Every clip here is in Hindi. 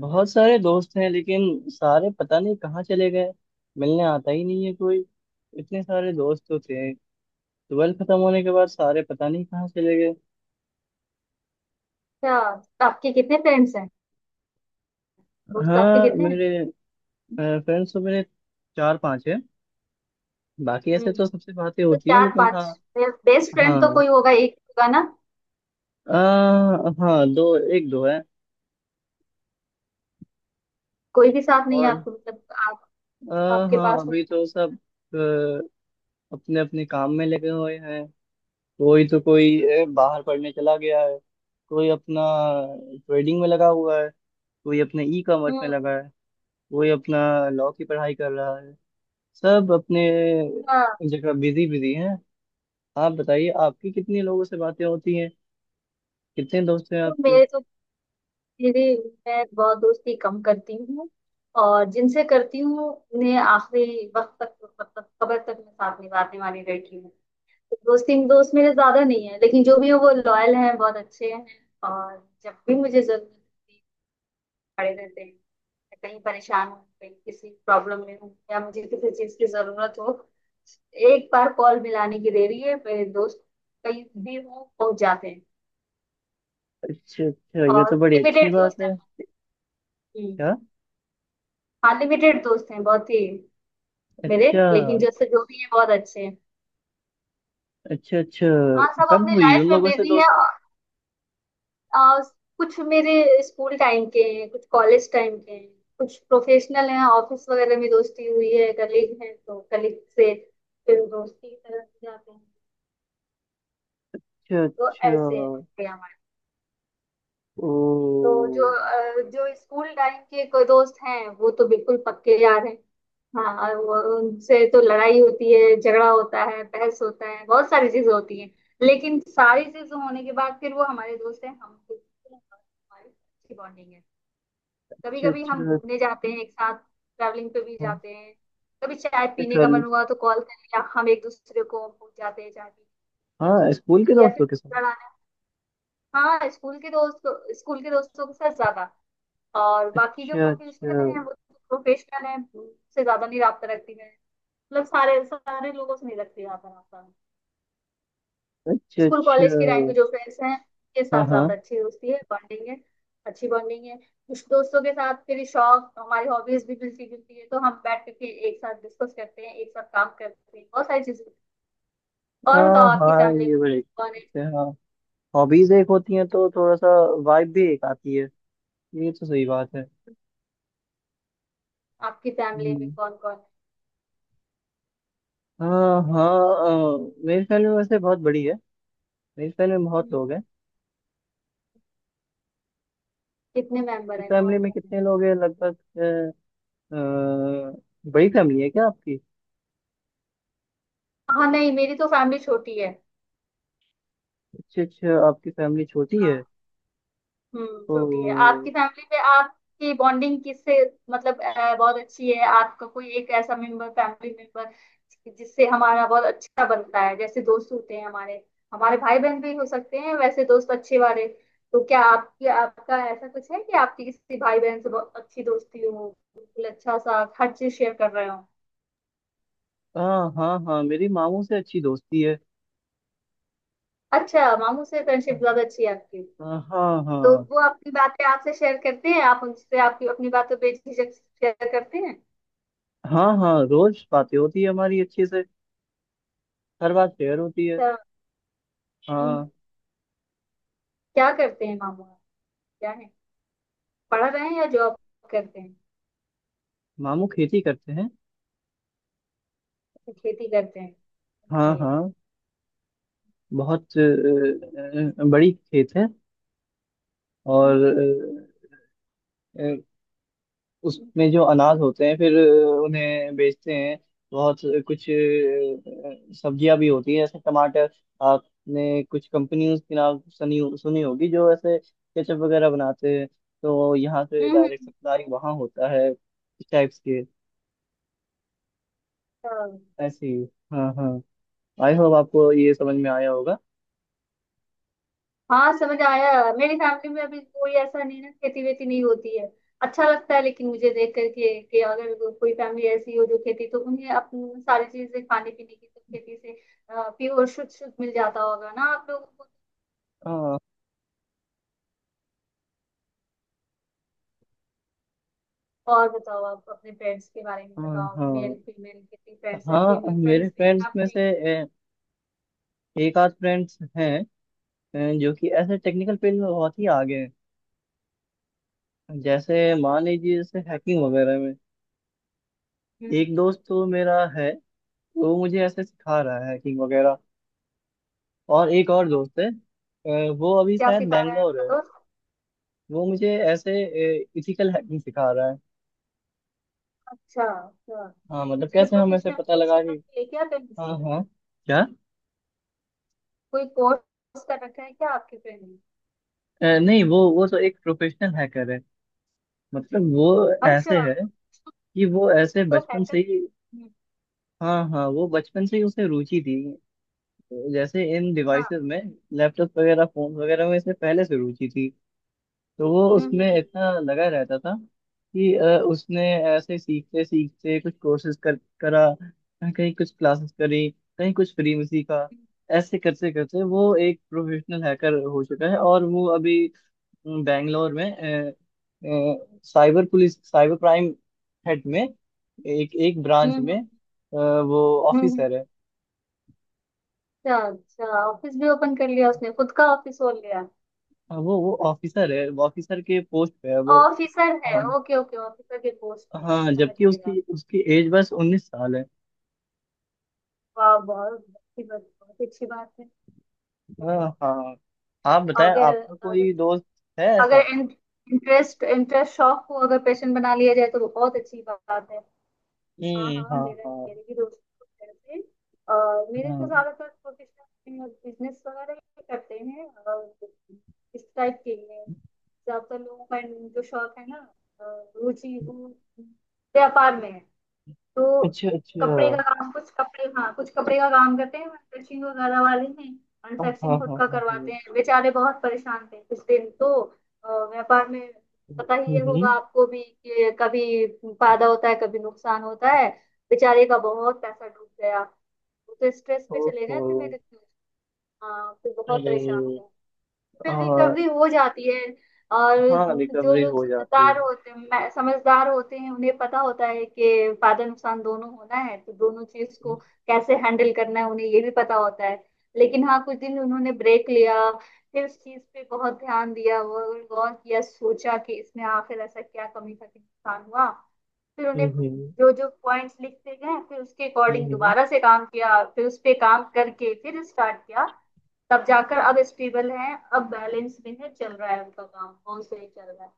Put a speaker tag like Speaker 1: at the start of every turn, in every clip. Speaker 1: बहुत सारे दोस्त हैं लेकिन सारे पता नहीं कहाँ चले गए। मिलने आता ही नहीं है कोई। इतने सारे दोस्त तो थे। ट्वेल्थ खत्म होने के बाद सारे पता नहीं कहाँ चले गए।
Speaker 2: अच्छा, तो आपके कितने फ्रेंड्स हैं? दोस्त आपके
Speaker 1: हाँ,
Speaker 2: कितने हैं?
Speaker 1: मेरे फ्रेंड्स तो मेरे चार पांच हैं। बाकी
Speaker 2: हम्म।
Speaker 1: ऐसे तो सबसे बातें
Speaker 2: तो
Speaker 1: होती है,
Speaker 2: चार
Speaker 1: लेकिन हाँ।
Speaker 2: पांच बेस्ट फ्रेंड तो
Speaker 1: हाँ,
Speaker 2: कोई होगा, एक होगा ना।
Speaker 1: हाँ दो एक दो है।
Speaker 2: कोई भी साथ नहीं है
Speaker 1: और
Speaker 2: आपको मतलब? आप आपके
Speaker 1: हाँ,
Speaker 2: पास
Speaker 1: अभी
Speaker 2: नहीं
Speaker 1: तो सब अपने अपने काम में लगे हुए हैं। कोई तो कोई बाहर पढ़ने चला गया है। कोई अपना ट्रेडिंग में लगा हुआ है। कोई अपने ई
Speaker 2: है।
Speaker 1: कॉमर्स में
Speaker 2: हम्म।
Speaker 1: लगा है। कोई अपना लॉ की पढ़ाई कर रहा है। सब अपने
Speaker 2: हाँ।
Speaker 1: जगह बिजी बिजी हैं। आप बताइए, आपकी कितने लोगों से बातें होती हैं? कितने दोस्त हैं
Speaker 2: तो
Speaker 1: आपके?
Speaker 2: मेरे तो मेरी मैं बहुत दोस्ती कम करती हूँ और जिनसे करती हूँ उन्हें आखिरी वक्त तक मतलब कब्र तक मैं साथ निभाने वाली लड़की हूँ। तो दोस्त मेरे ज्यादा नहीं है लेकिन जो भी है वो लॉयल हैं, बहुत अच्छे हैं। और जब भी मुझे जरूरत होती है खड़े रहते हैं। कहीं परेशान हूँ, कहीं किसी प्रॉब्लम में हूँ या मुझे किसी चीज की जरूरत हो, एक बार कॉल मिलाने की देरी है, मेरे दोस्त कहीं भी हो पहुंच जाते हैं।
Speaker 1: अच्छा अच्छा, ये
Speaker 2: और
Speaker 1: तो बड़ी अच्छी
Speaker 2: लिमिटेड
Speaker 1: बात
Speaker 2: दोस्त
Speaker 1: है।
Speaker 2: हैं। हम्म।
Speaker 1: क्या?
Speaker 2: हाँ लिमिटेड दोस्त हैं बहुत ही मेरे,
Speaker 1: अच्छा।
Speaker 2: लेकिन जैसे जो भी है बहुत अच्छे हैं।
Speaker 1: अच्छा अच्छा।
Speaker 2: हाँ सब
Speaker 1: कब
Speaker 2: अपनी
Speaker 1: हुई उन
Speaker 2: लाइफ में
Speaker 1: लोगों से
Speaker 2: बिजी है।
Speaker 1: दोस्ती?
Speaker 2: आ, कुछ मेरे स्कूल टाइम के हैं, कुछ कॉलेज टाइम के हैं, कुछ प्रोफेशनल हैं। ऑफिस वगैरह में दोस्ती हुई है, कलीग हैं तो कलीग से फिर दोस्ती की तरह जाते हैं।
Speaker 1: अच्छा
Speaker 2: तो
Speaker 1: अच्छा।
Speaker 2: ऐसे थे हमारे।
Speaker 1: ओ।
Speaker 2: तो जो स्कूल टाइम के कोई दोस्त हैं वो तो बिल्कुल पक्के यार हैं। हाँ और उनसे तो लड़ाई होती है, झगड़ा होता है, बहस होता है, बहुत सारी चीजें होती हैं। लेकिन सारी चीजें होने के बाद फिर वो हमारे दोस्त हैं, हम बिल्कुल हमारी अच्छी बॉन्डिंग है। कभी
Speaker 1: अच्छा
Speaker 2: कभी हम
Speaker 1: अच्छा।
Speaker 2: घूमने जाते हैं एक साथ, ट्रैवलिंग पे भी जाते हैं। कभी चाय पीने
Speaker 1: अच्छा,
Speaker 2: का मन हुआ तो कॉल कर लिया, हम एक दूसरे को पूछ जाते हैं चाय पीने
Speaker 1: हाँ स्कूल के
Speaker 2: या
Speaker 1: दोस्तों के साथ।
Speaker 2: फिर लड़ाने। हाँ स्कूल के दोस्त, स्कूल के दोस्तों के साथ ज्यादा। और बाकी जो
Speaker 1: अच्छा अच्छा।
Speaker 2: प्रोफेशनल हैं वो तो प्रोफेशनल हैं, उससे ज्यादा नहीं रबता रखती मैं। मतलब सारे सारे लोगों से नहीं रखती ज्यादा रबता।
Speaker 1: अच्छा
Speaker 2: स्कूल
Speaker 1: अच्छा।
Speaker 2: कॉलेज के टाइम के जो फ्रेंड्स हैं उनके
Speaker 1: हाँ
Speaker 2: साथ
Speaker 1: हाँ।
Speaker 2: ज्यादा अच्छी दोस्ती है, बॉन्डिंग है। अच्छी बॉन्डिंग है कुछ दोस्तों के साथ, मेरी शौक हमारी हॉबीज भी मिलती जुलती है, तो हम बैठ करके एक साथ डिस्कस करते हैं, एक साथ काम करते हैं बहुत सारी चीजें। और
Speaker 1: हाँ
Speaker 2: बताओ आपकी
Speaker 1: हाँ,
Speaker 2: फैमिली में
Speaker 1: ये बड़े
Speaker 2: कौन है?
Speaker 1: से। हाँ, हॉबीज एक होती हैं तो थोड़ा सा वाइब भी एक आती है। ये तो सही बात है।
Speaker 2: आपकी फैमिली में
Speaker 1: हम्म।
Speaker 2: कौन कौन है?
Speaker 1: हाँ हाँ। मेरी फैमिली वैसे बहुत बड़ी है। मेरी फैमिली में बहुत
Speaker 2: हम्म।
Speaker 1: लोग हैं।
Speaker 2: कितने मेंबर
Speaker 1: आपकी
Speaker 2: हैं, कौन
Speaker 1: फैमिली में
Speaker 2: कौन है?
Speaker 1: कितने लोग हैं लगभग? अ, बड़ी फैमिली है क्या आपकी?
Speaker 2: हाँ नहीं मेरी तो फैमिली छोटी है।
Speaker 1: अच्छा अच्छा, आपकी फैमिली छोटी है।
Speaker 2: हाँ। हम्म। छोटी है।
Speaker 1: तो।
Speaker 2: आपकी फैमिली में आपकी बॉन्डिंग किससे मतलब बहुत अच्छी है? आपका कोई एक ऐसा मेंबर, फैमिली मेंबर जिससे हमारा बहुत अच्छा बनता है, जैसे दोस्त होते हैं हमारे, हमारे भाई बहन भी हो सकते हैं वैसे दोस्त अच्छे वाले। तो क्या आपकी, आपका ऐसा कुछ है कि आपकी किसी भाई बहन से बहुत अच्छी दोस्ती हो, बिल्कुल अच्छा सा हर चीज शेयर कर रहे हो?
Speaker 1: हाँ हाँ हाँ, मेरी मामू से अच्छी दोस्ती है।
Speaker 2: अच्छा, मामू से फ्रेंडशिप ज्यादा अच्छी है आपकी।
Speaker 1: हाँ।
Speaker 2: तो
Speaker 1: हाँ।
Speaker 2: वो अपनी बातें आपसे शेयर करते हैं, आप उनसे आपकी अपनी बातें बेझिझक शेयर करते हैं?
Speaker 1: हाँ हाँ, रोज बातें होती है हमारी अच्छे से। हर बात शेयर होती है।
Speaker 2: अच्छा। हम्म।
Speaker 1: हाँ।
Speaker 2: क्या करते हैं मामू आप? क्या है, पढ़ रहे हैं या जॉब करते हैं?
Speaker 1: मामू खेती करते हैं।
Speaker 2: अच्छा, खेती करते हैं।
Speaker 1: हाँ
Speaker 2: ओके।
Speaker 1: हाँ, बहुत बड़ी खेत है। और
Speaker 2: हम्म।
Speaker 1: अ, अ, उसमें जो अनाज होते हैं फिर उन्हें बेचते हैं। बहुत कुछ सब्जियां भी होती है, जैसे टमाटर। आपने कुछ कंपनियों के नाम सुनी सुनी होगी, जो ऐसे केचप वगैरह बनाते हैं। तो यहाँ से डायरेक्ट
Speaker 2: हम्म।
Speaker 1: सप्लाई वहाँ होता है, इस टाइप्स के।
Speaker 2: तो-
Speaker 1: ऐसे ही। हाँ हाँ। आई होप आपको ये समझ में आया होगा।
Speaker 2: हाँ समझ आया। मेरी फैमिली में अभी कोई ऐसा नहीं ना, खेती वेती नहीं होती है। अच्छा लगता है लेकिन मुझे देख करके कि अगर कोई फैमिली ऐसी हो जो खेती, तो उन्हें अपनी सारी चीजें खाने पीने की तो खेती से प्योर, शुद्ध शुद्ध मिल जाता होगा ना आप लोगों को।
Speaker 1: हाँ
Speaker 2: और बताओ आप अपने फ्रेंड्स के बारे में
Speaker 1: हाँ
Speaker 2: बताओ, मेल
Speaker 1: हाँ।
Speaker 2: फीमेल कितनी फ्रेंड्स है,
Speaker 1: हाँ,
Speaker 2: फीमेल
Speaker 1: मेरे
Speaker 2: फ्रेंड्स भी
Speaker 1: फ्रेंड्स
Speaker 2: हैं
Speaker 1: में
Speaker 2: आपके?
Speaker 1: से एक आध फ्रेंड्स हैं, जो कि ऐसे टेक्निकल फील्ड में बहुत ही आगे हैं, जैसे मान लीजिए जैसे हैकिंग वगैरह में।
Speaker 2: हम्म।
Speaker 1: एक दोस्त तो मेरा है, वो मुझे ऐसे सिखा रहा है हैकिंग वगैरह। और एक और दोस्त है, वो अभी
Speaker 2: क्या
Speaker 1: शायद
Speaker 2: सिखा रहा है
Speaker 1: बैंगलोर
Speaker 2: आपका?
Speaker 1: है। वो मुझे ऐसे इथिकल हैकिंग सिखा रहा है।
Speaker 2: अच्छा अच्छा।
Speaker 1: हाँ मतलब
Speaker 2: उसने
Speaker 1: कैसे हमें से
Speaker 2: प्रोफेशनल
Speaker 1: पता
Speaker 2: कोर्स
Speaker 1: लगा
Speaker 2: कर
Speaker 1: कि।
Speaker 2: रखा है क्या कहीं
Speaker 1: हाँ
Speaker 2: से,
Speaker 1: हाँ। क्या?
Speaker 2: कोई कोर्स कर रखा है क्या आपके फ्रेंड ने?
Speaker 1: नहीं, वो तो एक प्रोफेशनल हैकर है। मतलब वो
Speaker 2: अच्छा।
Speaker 1: ऐसे है कि वो ऐसे
Speaker 2: तो
Speaker 1: बचपन
Speaker 2: हैकर।
Speaker 1: से ही। हाँ हाँ, वो बचपन से ही उसे रुचि थी, जैसे इन
Speaker 2: हाँ।
Speaker 1: डिवाइसेस में। लैपटॉप वगैरह फोन वगैरह में इसे पहले से रुचि थी। तो वो
Speaker 2: हम्म।
Speaker 1: उसमें
Speaker 2: हम्म।
Speaker 1: इतना लगा रहता था कि उसने ऐसे सीखते सीखते कुछ कोर्सेज कर करा, कहीं कुछ क्लासेस करी, कहीं कुछ फ्री में सीखा। ऐसे करते करते वो एक प्रोफेशनल हैकर हो चुका है, और वो अभी बैंगलोर में cyber police cyber crime head में एक एक
Speaker 2: हम्म।
Speaker 1: ब्रांच
Speaker 2: हम्म।
Speaker 1: में
Speaker 2: हम्म।
Speaker 1: वो
Speaker 2: हम्म। हम्म।
Speaker 1: ऑफिसर है।
Speaker 2: अच्छा अच्छा, ऑफिस भी ओपन कर लिया उसने, खुद का ऑफिस खोल लिया?
Speaker 1: हाँ, वो ऑफिसर है, वो ऑफिसर के पोस्ट पे है वो।
Speaker 2: ऑफिसर है।
Speaker 1: हाँ
Speaker 2: ओके ओके, ऑफिसर के पोस्ट पे है,
Speaker 1: हाँ।
Speaker 2: हाँ समझ
Speaker 1: जबकि
Speaker 2: लिया।
Speaker 1: उसकी उसकी एज बस 19 साल है।
Speaker 2: वाह, बहुत अच्छी बात, बहुत अच्छी बात है ये
Speaker 1: हाँ
Speaker 2: तो।
Speaker 1: हाँ। आप बताएं,
Speaker 2: अगर
Speaker 1: आपका
Speaker 2: अगर
Speaker 1: कोई दोस्त है
Speaker 2: अगर
Speaker 1: ऐसा?
Speaker 2: इंटरेस्ट इंटरेस्ट शौक को अगर पैशन बना लिया जाए तो वो बहुत अच्छी बात है। हाँ
Speaker 1: हम्म।
Speaker 2: हाँ,
Speaker 1: हाँ
Speaker 2: मेरा
Speaker 1: हाँ
Speaker 2: मेरे भी दोस्त लोग हैं ऐसे। मेरे तो
Speaker 1: हाँ।
Speaker 2: ज्यादातर प्रोफेशनल बिजनेस वगैरह ही करते हैं और इस टाइप के ही हैं। ज्यादातर लोगों का जो शौक है ना, रुचि वो व्यापार में है। तो
Speaker 1: अच्छा अच्छा।
Speaker 2: कपड़े का काम, कुछ कपड़े, हाँ कुछ कपड़े का काम करते हैं, मैन्युफैक्चरिंग वगैरह वाले हैं।
Speaker 1: हाँ हाँ
Speaker 2: मैन्युफैक्चरिंग खुद
Speaker 1: हाँ
Speaker 2: का
Speaker 1: हाँ हाँ।
Speaker 2: करवाते हैं, बेचारे बहुत परेशान थे कुछ दिन तो। व्यापार में पता ही
Speaker 1: हम्म
Speaker 2: ये होगा
Speaker 1: हम्म।
Speaker 2: आपको भी कि कभी फायदा होता है, कभी नुकसान होता है। बेचारे का बहुत पैसा डूब गया, वो तो स्ट्रेस पे चले
Speaker 1: ओहो।
Speaker 2: गए थे मेरे। हाँ फिर बहुत
Speaker 1: अरे।
Speaker 2: परेशान थे।
Speaker 1: आ,
Speaker 2: फिर रिकवरी हो जाती है। और
Speaker 1: हाँ
Speaker 2: जो
Speaker 1: रिकवरी
Speaker 2: लोग
Speaker 1: हो जाती है।
Speaker 2: समझदार होते हैं, समझदार होते हैं उन्हें पता होता है कि फायदा नुकसान दोनों होना है, तो दोनों चीज
Speaker 1: हम्म
Speaker 2: को कैसे हैंडल करना है उन्हें ये भी पता होता है। लेकिन हाँ कुछ दिन उन्होंने ब्रेक लिया, फिर इस चीज पे बहुत ध्यान दिया, वो गौर किया, सोचा कि इसमें आखिर ऐसा क्या कमी था कि नुकसान हुआ, फिर उन्हें
Speaker 1: हम्म।
Speaker 2: जो जो पॉइंट्स लिखते गए फिर उसके अकॉर्डिंग
Speaker 1: हम्म।
Speaker 2: दोबारा से काम किया, फिर उस पे काम करके फिर स्टार्ट किया। तब जाकर अब स्टेबल है, अब बैलेंस में है, चल रहा है उनका काम बहुत सही चल रहा है।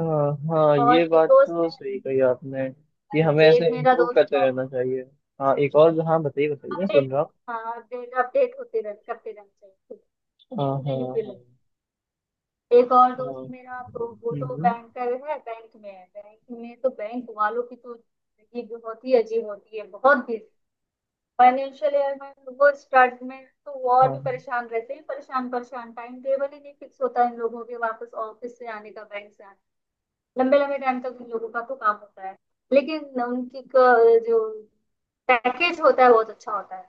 Speaker 1: हाँ हाँ, ये
Speaker 2: और एक
Speaker 1: बात
Speaker 2: दोस्त
Speaker 1: तो सही कही आपने, कि
Speaker 2: है,
Speaker 1: हमें
Speaker 2: देव
Speaker 1: ऐसे
Speaker 2: मेरा
Speaker 1: इम्प्रूव
Speaker 2: दोस्त
Speaker 1: करते
Speaker 2: है।
Speaker 1: रहना चाहिए। हाँ एक और, हाँ बताइए बताइए, मैं
Speaker 2: अपडेट,
Speaker 1: सुन रहा हूँ।
Speaker 2: हाँ अपडेट अपडेट होते रह करते रहना चाहिए खुद,
Speaker 1: हाँ हाँ
Speaker 2: किसी भी फील्ड
Speaker 1: हाँ।
Speaker 2: में। एक और
Speaker 1: हाँ
Speaker 2: दोस्त मेरा, तो वो तो
Speaker 1: हम्म।
Speaker 2: बैंकर है, बैंक में है। बैंक में तो बैंक वालों की तो जिंदगी बहुत ही अजीब होती है, बहुत ही। फाइनेंशियल ईयर में वो स्टार्ट में तो वो
Speaker 1: हाँ
Speaker 2: और भी
Speaker 1: हाँ।
Speaker 2: परेशान रहते हैं, परेशान परेशान टाइम टेबल ही नहीं फिक्स होता इन लोगों के वापस ऑफिस से आने का, बैंक से आने। लंबे लंबे टाइम तक उन लोगों का तो काम होता है। लेकिन उनकी जो पैकेज होता है बहुत अच्छा होता है,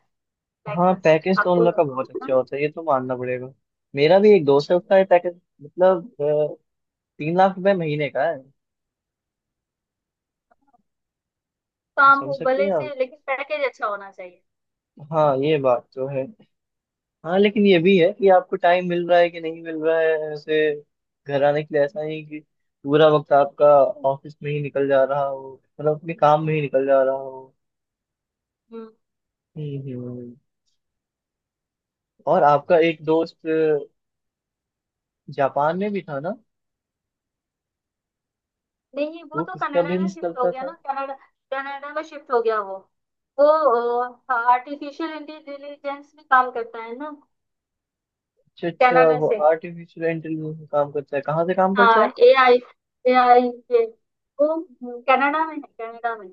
Speaker 1: हाँ,
Speaker 2: पैकेज।
Speaker 1: पैकेज तो उन
Speaker 2: आपको
Speaker 1: लोग का बहुत
Speaker 2: ना,
Speaker 1: अच्छा होता है, ये तो मानना पड़ेगा। मेरा भी एक दोस्त है, उसका ये पैकेज मतलब 3 लाख रुपए महीने का है।
Speaker 2: काम
Speaker 1: समझ
Speaker 2: हो
Speaker 1: सकती
Speaker 2: भले
Speaker 1: हैं
Speaker 2: से
Speaker 1: आप।
Speaker 2: लेकिन पैकेज अच्छा होना चाहिए।
Speaker 1: हाँ, ये बात तो है। हाँ, लेकिन ये भी है कि आपको टाइम मिल रहा है कि नहीं मिल रहा है, ऐसे घर आने के लिए। ऐसा नहीं कि पूरा वक्त आपका ऑफिस में ही निकल जा रहा हो, मतलब अपने काम में ही निकल जा रहा हो।
Speaker 2: हम्म।
Speaker 1: हम्म हम्म। और आपका एक दोस्त जापान में भी था ना?
Speaker 2: नहीं वो
Speaker 1: वो
Speaker 2: तो
Speaker 1: किसका
Speaker 2: कनाडा में
Speaker 1: बिजनेस
Speaker 2: शिफ्ट हो
Speaker 1: करता
Speaker 2: गया ना,
Speaker 1: था?
Speaker 2: कनाडा। कनाडा में शिफ्ट हो गया वो। वो आर्टिफिशियल इंटेलिजेंस में काम करता है ना।
Speaker 1: अच्छा अच्छा,
Speaker 2: कनाडा
Speaker 1: वो
Speaker 2: से।
Speaker 1: आर्टिफिशियल इंटेलिजेंस में काम करता है? कहाँ से काम करता
Speaker 2: हाँ
Speaker 1: है?
Speaker 2: ए आई, ए आई के वो, कनाडा में है, कनाडा में।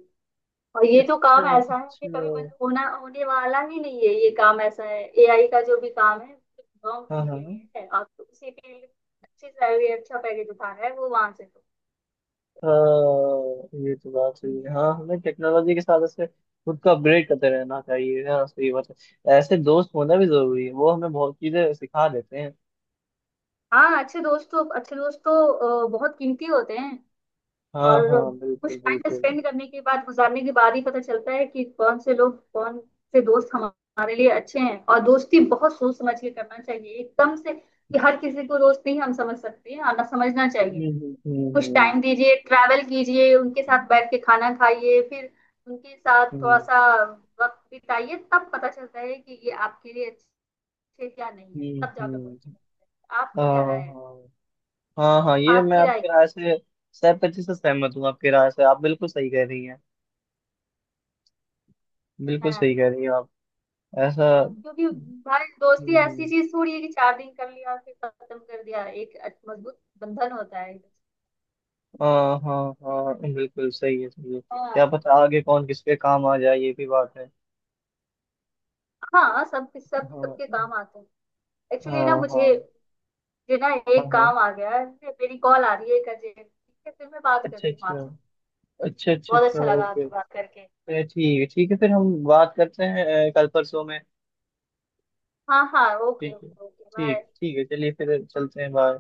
Speaker 2: और ये तो काम
Speaker 1: अच्छा
Speaker 2: ऐसा है कि
Speaker 1: अच्छा।
Speaker 2: कभी बंद होना, होने वाला ही नहीं है। ये काम ऐसा है, एआई का जो भी काम है लॉन्ग
Speaker 1: हाँ
Speaker 2: टर्म के
Speaker 1: हाँ
Speaker 2: लिए है, आप तो उसी के लिए अच्छी सैलरी, अच्छा पैकेज उठा रहा है वो वहां से तो।
Speaker 1: हाँ, ये तो बात सही है। हाँ, हमें टेक्नोलॉजी के साथ ऐसे खुद को अपग्रेड करते रहना चाहिए। हाँ, सही बात है, ऐसे दोस्त होना भी जरूरी है, वो हमें बहुत चीजें सिखा देते हैं।
Speaker 2: हाँ अच्छे दोस्त तो बहुत कीमती होते हैं।
Speaker 1: हाँ
Speaker 2: और
Speaker 1: हाँ
Speaker 2: कुछ
Speaker 1: बिल्कुल
Speaker 2: टाइम
Speaker 1: बिल्कुल।
Speaker 2: स्पेंड करने के बाद, गुजारने के बाद ही पता चलता है कि कौन से लोग, कौन से दोस्त हमारे लिए अच्छे हैं, और दोस्ती बहुत सोच समझ के करना चाहिए, एकदम से कि हर किसी को दोस्त नहीं, हम समझ सकते हैं, आना समझना चाहिए।
Speaker 1: हम्म
Speaker 2: कुछ
Speaker 1: हम्म।
Speaker 2: टाइम दीजिए, ट्रैवल कीजिए उनके साथ, बैठ के खाना खाइए, फिर उनके साथ थोड़ा
Speaker 1: हम्म
Speaker 2: सा वक्त बिताइए, तब पता चलता है कि ये आपके लिए अच्छे क्या नहीं है, तब जाकर बोल
Speaker 1: हम्म।
Speaker 2: सकते हैं। आपका
Speaker 1: हाँ
Speaker 2: क्या राय है,
Speaker 1: हाँ। हाँ हाँ, ये मैं
Speaker 2: आपकी राय
Speaker 1: आपकी राय से 100% सहमत हूँ। आपकी राय से आप बिल्कुल सही कह रही हैं।
Speaker 2: क्या
Speaker 1: बिल्कुल
Speaker 2: है? हाँ।
Speaker 1: सही कह रही हैं आप। ऐसा।
Speaker 2: हाँ, क्योंकि भाई दोस्ती ऐसी
Speaker 1: हम्म।
Speaker 2: चीज थोड़ी है कि 4 दिन कर लिया फिर खत्म कर दिया, एक अच्छा- मजबूत बंधन होता है।
Speaker 1: हाँ हाँ हाँ, बिल्कुल सही है, सही है,
Speaker 2: हाँ,
Speaker 1: क्या पता आगे कौन किस पे काम आ जाए, ये भी बात है।
Speaker 2: हाँ सब सब
Speaker 1: हाँ
Speaker 2: सबके काम आते हैं। एक्चुअली ना
Speaker 1: हाँ हाँ
Speaker 2: मुझे, मुझे ना
Speaker 1: हाँ
Speaker 2: एक
Speaker 1: हाँ।
Speaker 2: काम आ गया है, मेरी कॉल आ रही है एक अर्जेंट, ठीक है फिर मैं बात
Speaker 1: अच्छा
Speaker 2: करती हूँ
Speaker 1: अच्छा।
Speaker 2: आपसे।
Speaker 1: अच्छा अच्छा
Speaker 2: बहुत
Speaker 1: अच्छा।
Speaker 2: अच्छा लगा
Speaker 1: ओके।
Speaker 2: आपसे बात करके।
Speaker 1: अरे ठीक है ठीक है, फिर हम बात करते हैं कल परसों में।
Speaker 2: हाँ हाँ, ओके
Speaker 1: ठीक है,
Speaker 2: ओके ओके,
Speaker 1: ठीक
Speaker 2: बाय।
Speaker 1: ठीक है, चलिए फिर चलते हैं, बाय।